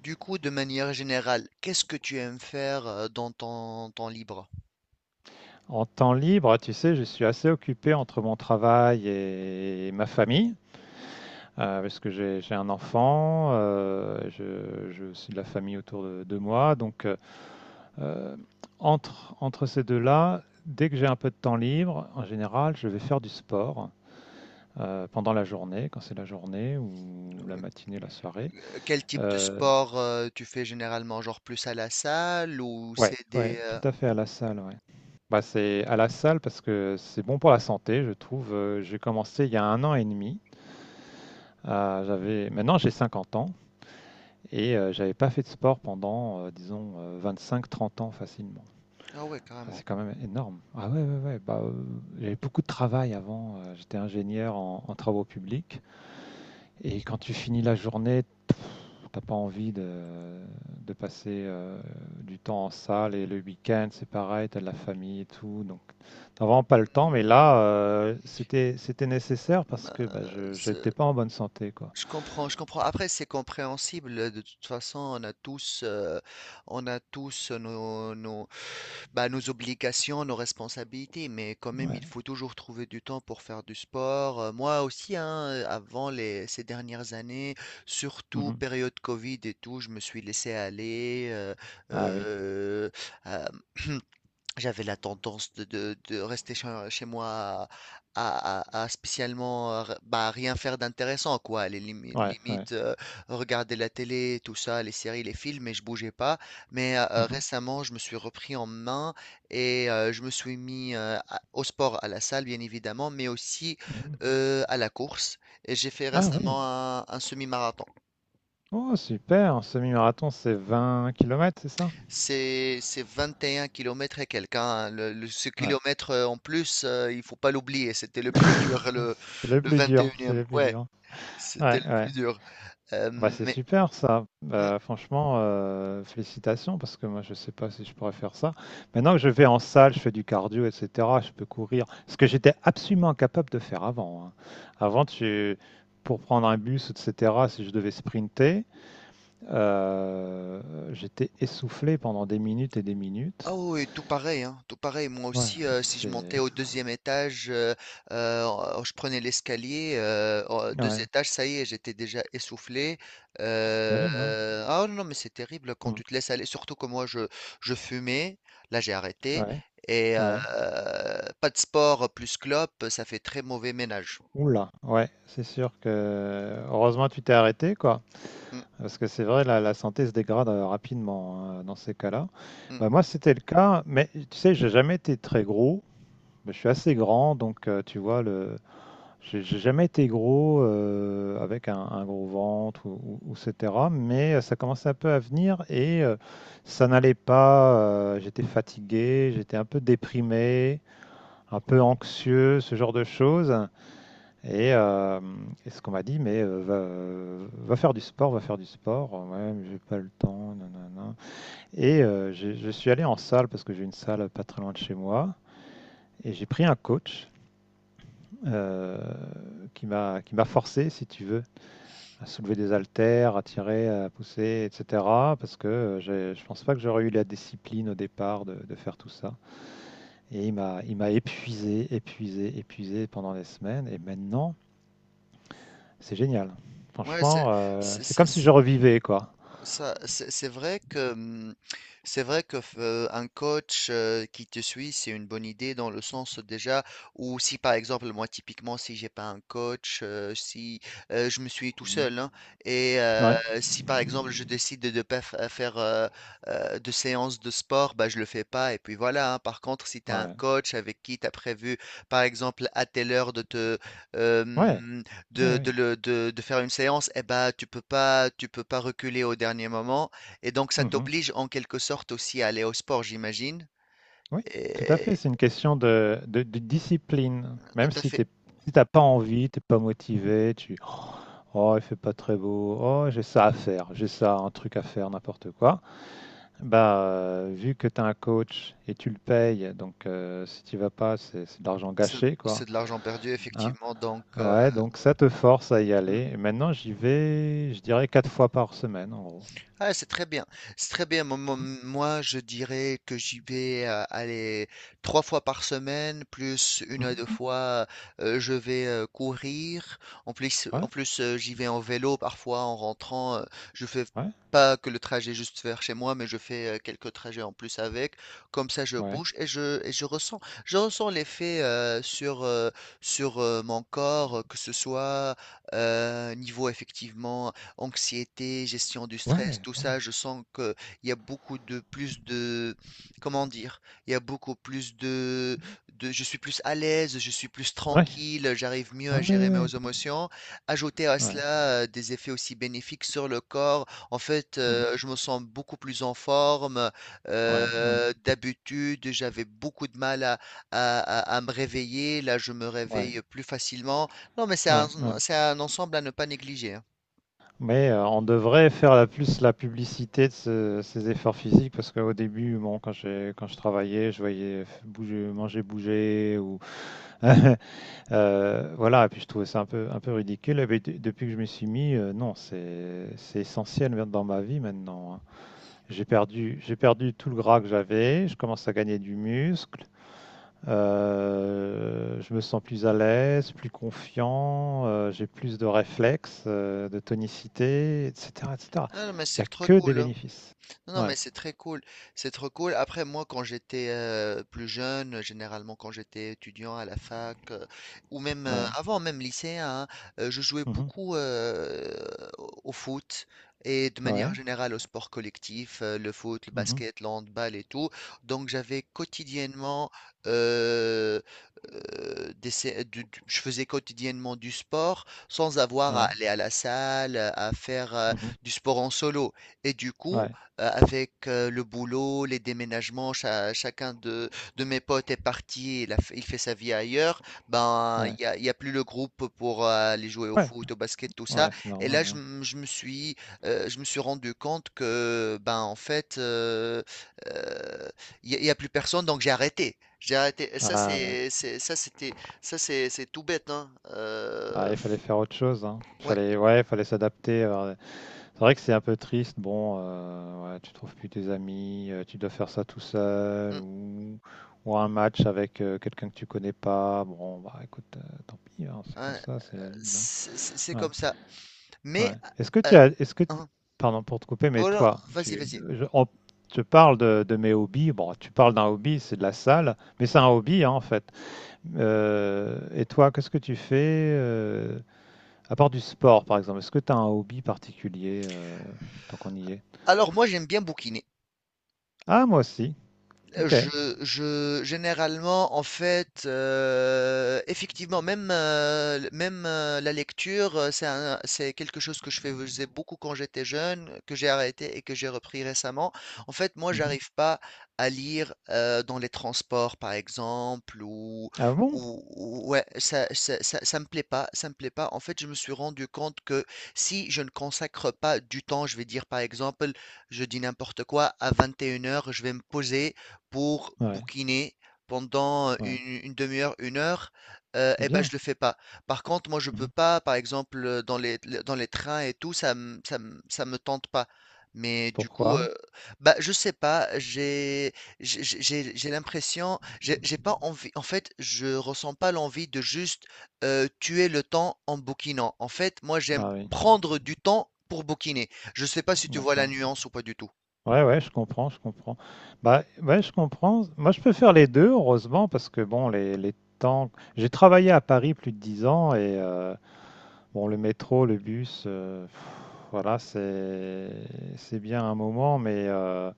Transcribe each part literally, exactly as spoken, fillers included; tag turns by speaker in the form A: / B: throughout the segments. A: Du coup, de manière générale, qu'est-ce que tu aimes faire euh, dans ton temps libre?
B: En temps libre, tu sais, je suis assez occupé entre mon travail et ma famille, euh, parce que j'ai j'ai un enfant, euh, je, je suis de la famille autour de, de moi. Donc, euh, euh, entre, entre ces deux-là, dès que j'ai un peu de temps libre, en général, je vais faire du sport euh, pendant la journée, quand c'est la journée ou la matinée, la soirée.
A: Euh, Quel type de
B: Euh,
A: sport euh, tu fais généralement? Genre plus à la salle ou
B: ouais,
A: c'est des...
B: ouais, tout
A: euh,
B: à fait à la salle, ouais. Bah, c'est à la salle parce que c'est bon pour la santé, je trouve. Euh, J'ai commencé il y a un an et demi. Euh, j'avais, maintenant j'ai cinquante ans et euh, j'avais pas fait de sport pendant, euh, disons, vingt-cinq à trente ans facilement.
A: Ah ouais,
B: Ah,
A: carrément.
B: c'est quand même énorme. Ah ouais, ouais, ouais. Bah, euh, j'avais beaucoup de travail avant. euh, J'étais ingénieur en, en travaux publics. Et quand tu finis la journée, t'as pas envie de, de passer euh, du temps en salle. Et le week-end, c'est pareil, t'as de la famille et tout. Donc, t'as vraiment pas le temps. Mais là,
A: Hmm,
B: euh, c'était, c'était nécessaire parce que
A: bah,
B: bah, je,
A: c'est-
B: j'étais pas en bonne santé, quoi.
A: je comprends, je comprends. Après, c'est compréhensible. De toute façon, on a tous, euh, on a tous nos, nos- bah, nos obligations, nos responsabilités, mais quand même, il
B: Ouais.
A: faut toujours trouver du temps pour faire du sport. Euh, moi aussi, hein, euh, avant les, ces dernières années, surtout
B: Mhm.
A: période Covid et tout, je me suis laissé aller. euh,
B: Ah oui.
A: euh, euh, J'avais la tendance de, de- de rester chez, chez moi à, à- à spécialement euh, r- bah, rien faire d'intéressant, quoi. Les limi-
B: Ouais, ouais.
A: limites, euh, regarder la télé, tout ça, les séries, les films, et je bougeais pas. Mais euh,
B: Mhm,
A: récemment, je me suis repris en main et euh, je me suis mis euh, à- au sport, à la salle, bien évidemment, mais aussi
B: mhm.
A: euh, à la course. Et j'ai fait
B: Ah oui.
A: récemment un un semi-marathon.
B: Oh, super. Un semi-marathon, c'est vingt kilomètres, c'est ça?
A: C'est c'est vingt et un kilomètres et quelques, hein. Le, le- ce
B: Ouais.
A: kilomètre euh, en plus, euh, il faut pas l'oublier. C'était le plus dur,
B: Ouais,
A: le,
B: c'est le
A: le
B: plus
A: vingt et
B: dur. C'est
A: unième
B: le plus
A: Ouais,
B: dur.
A: c'était
B: Ouais,
A: le
B: ouais.
A: plus dur. Euh,
B: Ah bah, c'est
A: mais
B: super ça.
A: hmm,
B: Bah, franchement, euh, félicitations parce que moi, je sais pas si je pourrais faire ça. Maintenant que je vais en salle, je fais du cardio, et cetera. Je peux courir. Ce que j'étais absolument incapable de faire avant, hein. Avant, tu... pour prendre un bus, et cetera, si je devais sprinter, euh, j'étais essoufflé pendant des minutes et des
A: Ah
B: minutes.
A: oui, oui, tout pareil, hein, tout pareil. Moi
B: Ouais,
A: aussi, euh, si je
B: c'est
A: montais au deuxième étage, euh, euh, oh, oh, je prenais l'escalier, euh, oh, deux
B: ouais,
A: étages, ça y est, j'étais déjà essoufflé.
B: c'est
A: Euh,
B: terrible, hein.
A: ah non, mais c'est terrible quand
B: Mm.
A: tu te laisses aller, surtout que moi, je, je fumais, là j'ai arrêté,
B: Ouais,
A: et euh,
B: ouais.
A: pas de sport plus clope, ça fait très mauvais ménage.
B: Oula, ouais, c'est sûr que heureusement tu t'es arrêté quoi,
A: Mm,
B: parce que c'est vrai la, la santé se dégrade euh, rapidement hein, dans ces cas-là.
A: mm.
B: Bah, moi c'était le cas, mais tu sais j'ai jamais été très gros, mais je suis assez grand donc euh, tu vois le, j'ai j'ai jamais été gros euh, avec un, un gros ventre ou, ou- ou et cetera. Mais euh, ça commençait un peu à venir et euh, ça n'allait pas. Euh, j'étais fatigué, j'étais un peu déprimé, un peu anxieux, ce genre de choses. Et, euh, et ce qu'on m'a dit, mais euh, va, va faire du sport, va faire du sport. Euh, Ouais, mais j'ai pas le temps, nanana. Et euh, j'ai- je suis allé en salle parce que j'ai une salle pas très loin de chez moi. Et j'ai pris un coach euh, qui m'a qui m'a forcé, si tu veux, à soulever des haltères, à tirer, à pousser, et cetera. Parce que euh, j'ai- je pense pas que j'aurais eu la discipline au départ de, de faire tout ça. Et il m'a il m'a épuisé, épuisé, épuisé pendant des semaines. Et maintenant, c'est génial.
A: Ouais, c'est,
B: Franchement, euh,
A: c'est,
B: c'est comme si
A: c'est-
B: je revivais, quoi.
A: Ça, c'est c'est vrai que hum, c'est vrai que euh, un coach euh, qui te suit, c'est une bonne idée, dans le sens déjà où, si par exemple, moi typiquement, si j'ai pas un coach, euh, si euh, je me suis tout
B: Mhm.
A: seul, hein, et euh,
B: Ouais.
A: si par exemple je décide de ne pas fa- faire euh, euh, de séance de sport, bah je le fais pas et puis voilà, hein. Par contre, si tu as un
B: Ouais.
A: coach avec qui tu as prévu par exemple à telle heure de te euh,
B: Ouais. Ouais,
A: de, de,
B: ouais.
A: le- de- de faire une séance, eh ben, tu peux pas, tu peux pas reculer au dernier moment. Et donc, ça
B: Mhm.
A: t'oblige en quelque sorte aussi à aller au sport, j'imagine.
B: Oui, tout à fait.
A: Et
B: C'est une question de, de- de discipline.
A: tout
B: Même
A: à
B: si
A: fait.
B: t'es, si t'as pas envie, t'es pas motivé, tu, oh, il fait pas très beau, oh, j'ai ça à faire, j'ai ça, un truc à faire, n'importe quoi. Bah, euh, vu que t'as un coach et tu le payes, donc euh, si tu vas pas, c'est c'est de l'argent
A: C'est
B: gâché,
A: c'est
B: quoi,
A: de l'argent perdu,
B: hein.
A: effectivement. Donc, euh,
B: Ouais, donc ça te force à y
A: mm.
B: aller. Et maintenant, j'y vais, je dirais, quatre fois par semaine, en gros.
A: Ah, c'est très bien. C'est très bien. Mo- mo-
B: Mm,
A: Moi, je dirais que j'y vais euh, aller trois fois par semaine, plus une
B: mm,
A: à deux
B: mm.
A: fois, euh, je vais euh, courir. En plus,
B: Ouais,
A: en plus, euh, j'y vais en vélo parfois en rentrant. Euh, je fais
B: ouais,
A: pas que le trajet juste vers chez moi, mais je fais euh, quelques trajets en plus avec. Comme ça, je
B: ouais,
A: bouge et je, et je ressens, je ressens l'effet euh, sur, euh, sur euh, mon corps, que ce soit euh, niveau effectivement anxiété, gestion du stress,
B: ouais,
A: tout
B: ouais,
A: ça, je sens qu'il y a beaucoup de plus de, comment dire, il y a beaucoup plus de, de, je suis plus à l'aise, je suis plus
B: ouais,
A: tranquille, j'arrive mieux à
B: ah ouais,
A: gérer
B: ouais,
A: mes émotions. Ajouter à
B: ouais, ouais,
A: cela euh, des effets aussi bénéfiques sur le corps, en fait,
B: mhm,
A: euh, je me sens beaucoup plus en forme.
B: ouais, ouais,
A: Euh, d'habitude, j'avais beaucoup de mal à, à, à- à me réveiller. Là, je me
B: ouais,
A: réveille plus facilement. Non, mais c'est un,
B: ouais, ouais.
A: c'est un ensemble à ne pas négliger, hein.
B: Mais euh, on devrait faire la plus la publicité de ce- ces efforts physiques parce qu'au début, bon, quand j'ai quand je travaillais, je voyais f- bouger, manger, bouger ou Euh, voilà, et puis je trouvais ça un peu, un peu ridicule. Et puis, de- depuis que je me suis mis, euh, non, c'est, c'est essentiel même dans ma vie maintenant, hein. J'ai perdu, j'ai perdu tout le gras que j'avais, je commence à gagner du muscle, euh, je me sens plus à l'aise, plus confiant, euh, j'ai plus de réflexes, euh, de tonicité, et cetera, et cetera.
A: Ah, mais
B: Il n'y
A: c'est
B: a
A: trop
B: que des
A: cool, hein.
B: bénéfices.
A: Non, non,
B: Ouais,
A: mais c'est très cool. C'est trop cool. Après, moi, quand j'étais euh, plus jeune, généralement quand j'étais étudiant à la fac, euh, ou même euh,
B: ouais,
A: avant, même lycéen, hein, euh, je jouais
B: mhm,
A: beaucoup euh, au au foot et de manière
B: ouais,
A: générale au sport collectif, euh, le foot, le
B: mhm,
A: basket, le handball et tout. Donc, j'avais quotidiennement, euh, euh, des sé- du- du- je faisais quotidiennement du sport sans avoir à
B: ouais,
A: aller à la salle, à faire euh,
B: mhm,
A: du sport en solo. Et du coup,
B: ouais,
A: euh, avec euh, le boulot, les déménagements, cha- chacun de, de mes potes est parti, il, a fait, il fait sa vie ailleurs, ben il
B: ouais,
A: y a, il y a plus le groupe pour euh, aller jouer au
B: ouais,
A: foot, au basket, tout ça.
B: ouais, c'est
A: Et
B: normal,
A: là, je,
B: hein.
A: m- je me suis, euh, je me suis rendu compte que ben en fait, euh, euh, il y a, il y a plus personne, donc j'ai arrêté. J'ai arrêté. Et ça
B: Ah ouais.
A: c'est, c'est- ça c'était, ça c'est, c'est tout bête, hein. Euh,
B: Ouais, il
A: f-
B: fallait faire autre chose, hein. Il
A: ouais,
B: fallait, ouais, il fallait s'adapter. Alors, c'est vrai que c'est un peu triste. Bon, euh, ouais, tu trouves plus tes amis, euh, tu dois faire ça tout
A: mm,
B: seul ou, ou un match avec euh, quelqu'un que tu connais pas. Bon, bah écoute, euh, tant pis, hein, c'est comme
A: hein,
B: ça, c'est la vie, hein.
A: c'est c'est- c'est
B: Ouais,
A: comme ça. Mais
B: ouais. Est-ce que
A: euh,
B: tu as, est-ce que,
A: hein,
B: Pardon pour te couper, mais
A: voilà,
B: toi,
A: vas-y,
B: tu,
A: vas-y.
B: je, on- je parle de, de mes hobbies. Bon, tu parles d'un hobby, c'est de la salle, mais c'est un hobby hein, en fait. Euh, et toi, qu'est-ce que tu fais? euh, à part du sport, par exemple, est-ce que tu as un hobby particulier euh, tant qu'on y est?
A: Alors, moi j'aime bien bouquiner.
B: Ah, moi aussi. Ok.
A: je je généralement, en fait, heu, effectivement, même, heu, l même, heu, la lecture, heu, c'est un c'est quelque chose que je faisais beaucoup quand j'étais jeune, que j'ai arrêté et que j'ai repris récemment. En fait, moi,
B: Mhm.
A: j'arrive pas à lire, heu, dans les transports, par exemple, ou
B: Ah bon?
A: ou ou ouais, ça ça ça ça me plaît pas, ça me plaît pas. En fait, je me suis rendu compte que, si je ne consacre pas du temps, je vais dire, par exemple, je dis n'importe quoi, à vingt et une heures je vais me poser pour
B: Ouais,
A: bouquiner pendant
B: ouais.
A: une, une demi-heure, une heure, euh,
B: C'est
A: eh ben je
B: bien.
A: le fais pas. Par contre, moi je peux
B: Mhm.
A: pas, par exemple, euh, dans les, le- dans les trains et tout, ça me, ça me, ça me tente pas. Mais du coup,
B: Pourquoi?
A: euh, bah je sais pas, j'ai, j'ai, j'ai j'ai- j'ai l'impression, j'ai j'ai pas envie. En fait, je ressens pas l'envie de juste euh, tuer le temps en bouquinant. En fait, moi j'aime
B: Ah oui,
A: prendre du temps pour bouquiner. Je sais pas si tu vois la
B: d'accord.
A: nuance ou pas du tout.
B: Ouais, ouais, je comprends, je comprends. Bah, ouais, je comprends. Moi, je peux faire les deux, heureusement, parce que bon, les, les temps. J'ai travaillé à Paris plus de dix ans et euh, bon, le métro, le bus, euh, pff, voilà, c'est c'est bien un moment, mais euh,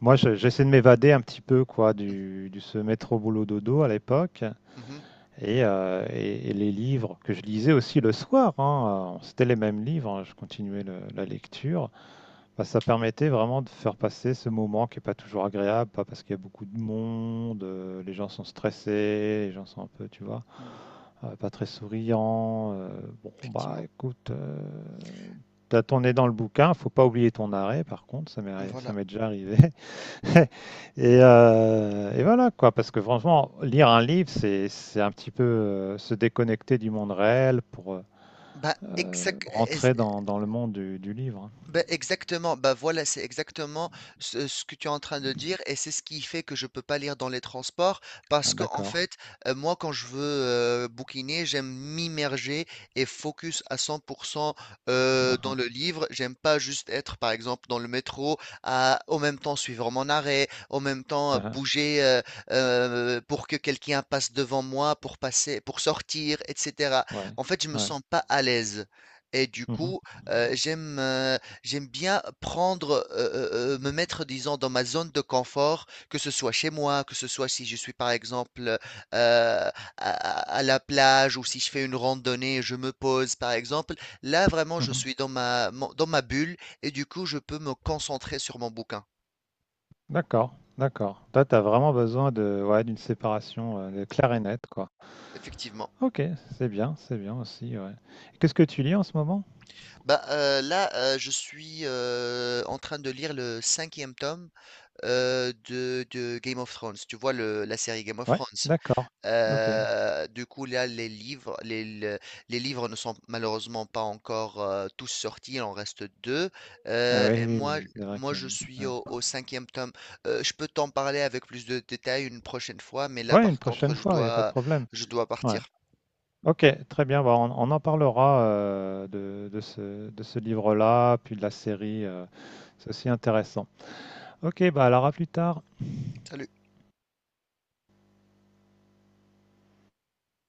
B: moi, je- j'essaie de m'évader un petit peu quoi
A: Mhm.
B: du, du se mettre au boulot dodo à l'époque
A: Mhm.
B: et, euh, et- et les livres que je lisais aussi le soir, hein, euh, c'était les mêmes livres, hein, je continuais le- la lecture. Bah, ça permettait vraiment de faire passer ce moment qui est pas toujours agréable, pas parce qu'il y a beaucoup de monde, euh, les gens sont stressés, les gens sont un peu, tu vois,
A: Hmm,
B: euh, pas très souriants. Euh, bon, bah,
A: effectivement.
B: écoute. euh, T'as ton nez dans le bouquin, faut pas oublier ton arrêt, par contre, ça m'est arri- ça
A: Voilà.
B: m'est déjà arrivé. Et, euh, et voilà quoi, parce que franchement, lire un livre, c'est c'est un petit peu euh, se déconnecter du monde réel pour
A: Bah,
B: euh,
A: exact.
B: rentrer dans, dans le monde du, du livre, hein.
A: Ben exactement, bah voilà, c'est exactement ce, ce que tu es en train de dire, et c'est ce qui fait que je peux pas lire dans les transports
B: Ah,
A: parce que, en
B: d'accord.
A: fait, euh, moi quand je veux euh, bouquiner, j'aime m'immerger et focus à cent pour cent euh,
B: Ah,
A: dans
B: ah,
A: le livre. J'aime pas juste être, par exemple, dans le métro à, au même temps, suivre mon arrêt, au même temps euh,
B: ah, ah.
A: bouger euh, euh, pour que quelqu'un passe devant moi pour passer, pour sortir, et cetera.
B: Ouais,
A: En fait, je me
B: ouais.
A: sens pas à l'aise. Et du
B: Mhm,
A: coup, euh, j'aime euh, j'aime bien prendre, heu heu me mettre, disons, dans ma zone de confort, que ce soit chez moi, que ce soit si je suis, par exemple, heu, à à la plage, ou si je fais une randonnée, je me pose, par exemple. Là, vraiment, je
B: mhm.
A: suis dans ma mon dans ma bulle, et du coup, je peux me concentrer sur mon bouquin,
B: D'accord, d'accord. Toi, t'as vraiment besoin de, ouais, d'une séparation euh, de claire et nette, quoi.
A: effectivement.
B: Ok, c'est bien, c'est bien aussi, ouais. Et qu'est-ce que tu lis en ce moment?
A: Bah, heu, là, heu, je suis, heu, en train de lire le cinquième tome, heu, de de Game of Thrones. Tu vois le la série Game of
B: Ouais,
A: Thrones?
B: d'accord. Ok.
A: Heu, du coup, là, les livres les le les livres ne sont malheureusement pas encore, heu, tous sortis, il en reste deux.
B: Ah
A: heu
B: oui,
A: et
B: oui,
A: moi,
B: oui, c'est vrai
A: moi,
B: que.
A: je suis
B: Ouais,
A: au au cinquième tome. Heu, je peux t'en parler avec plus de détails une prochaine fois, mais là,
B: ouais, une
A: par contre,
B: prochaine
A: je
B: fois, il n'y a pas de
A: dois
B: problème.
A: je dois
B: Ouais.
A: partir.
B: Ok, très bien. Bah, on, on en parlera euh, de, de ce, de ce livre-là, puis de la série. Euh, c'est aussi intéressant. Ok, bah alors à plus tard.
A: Salut.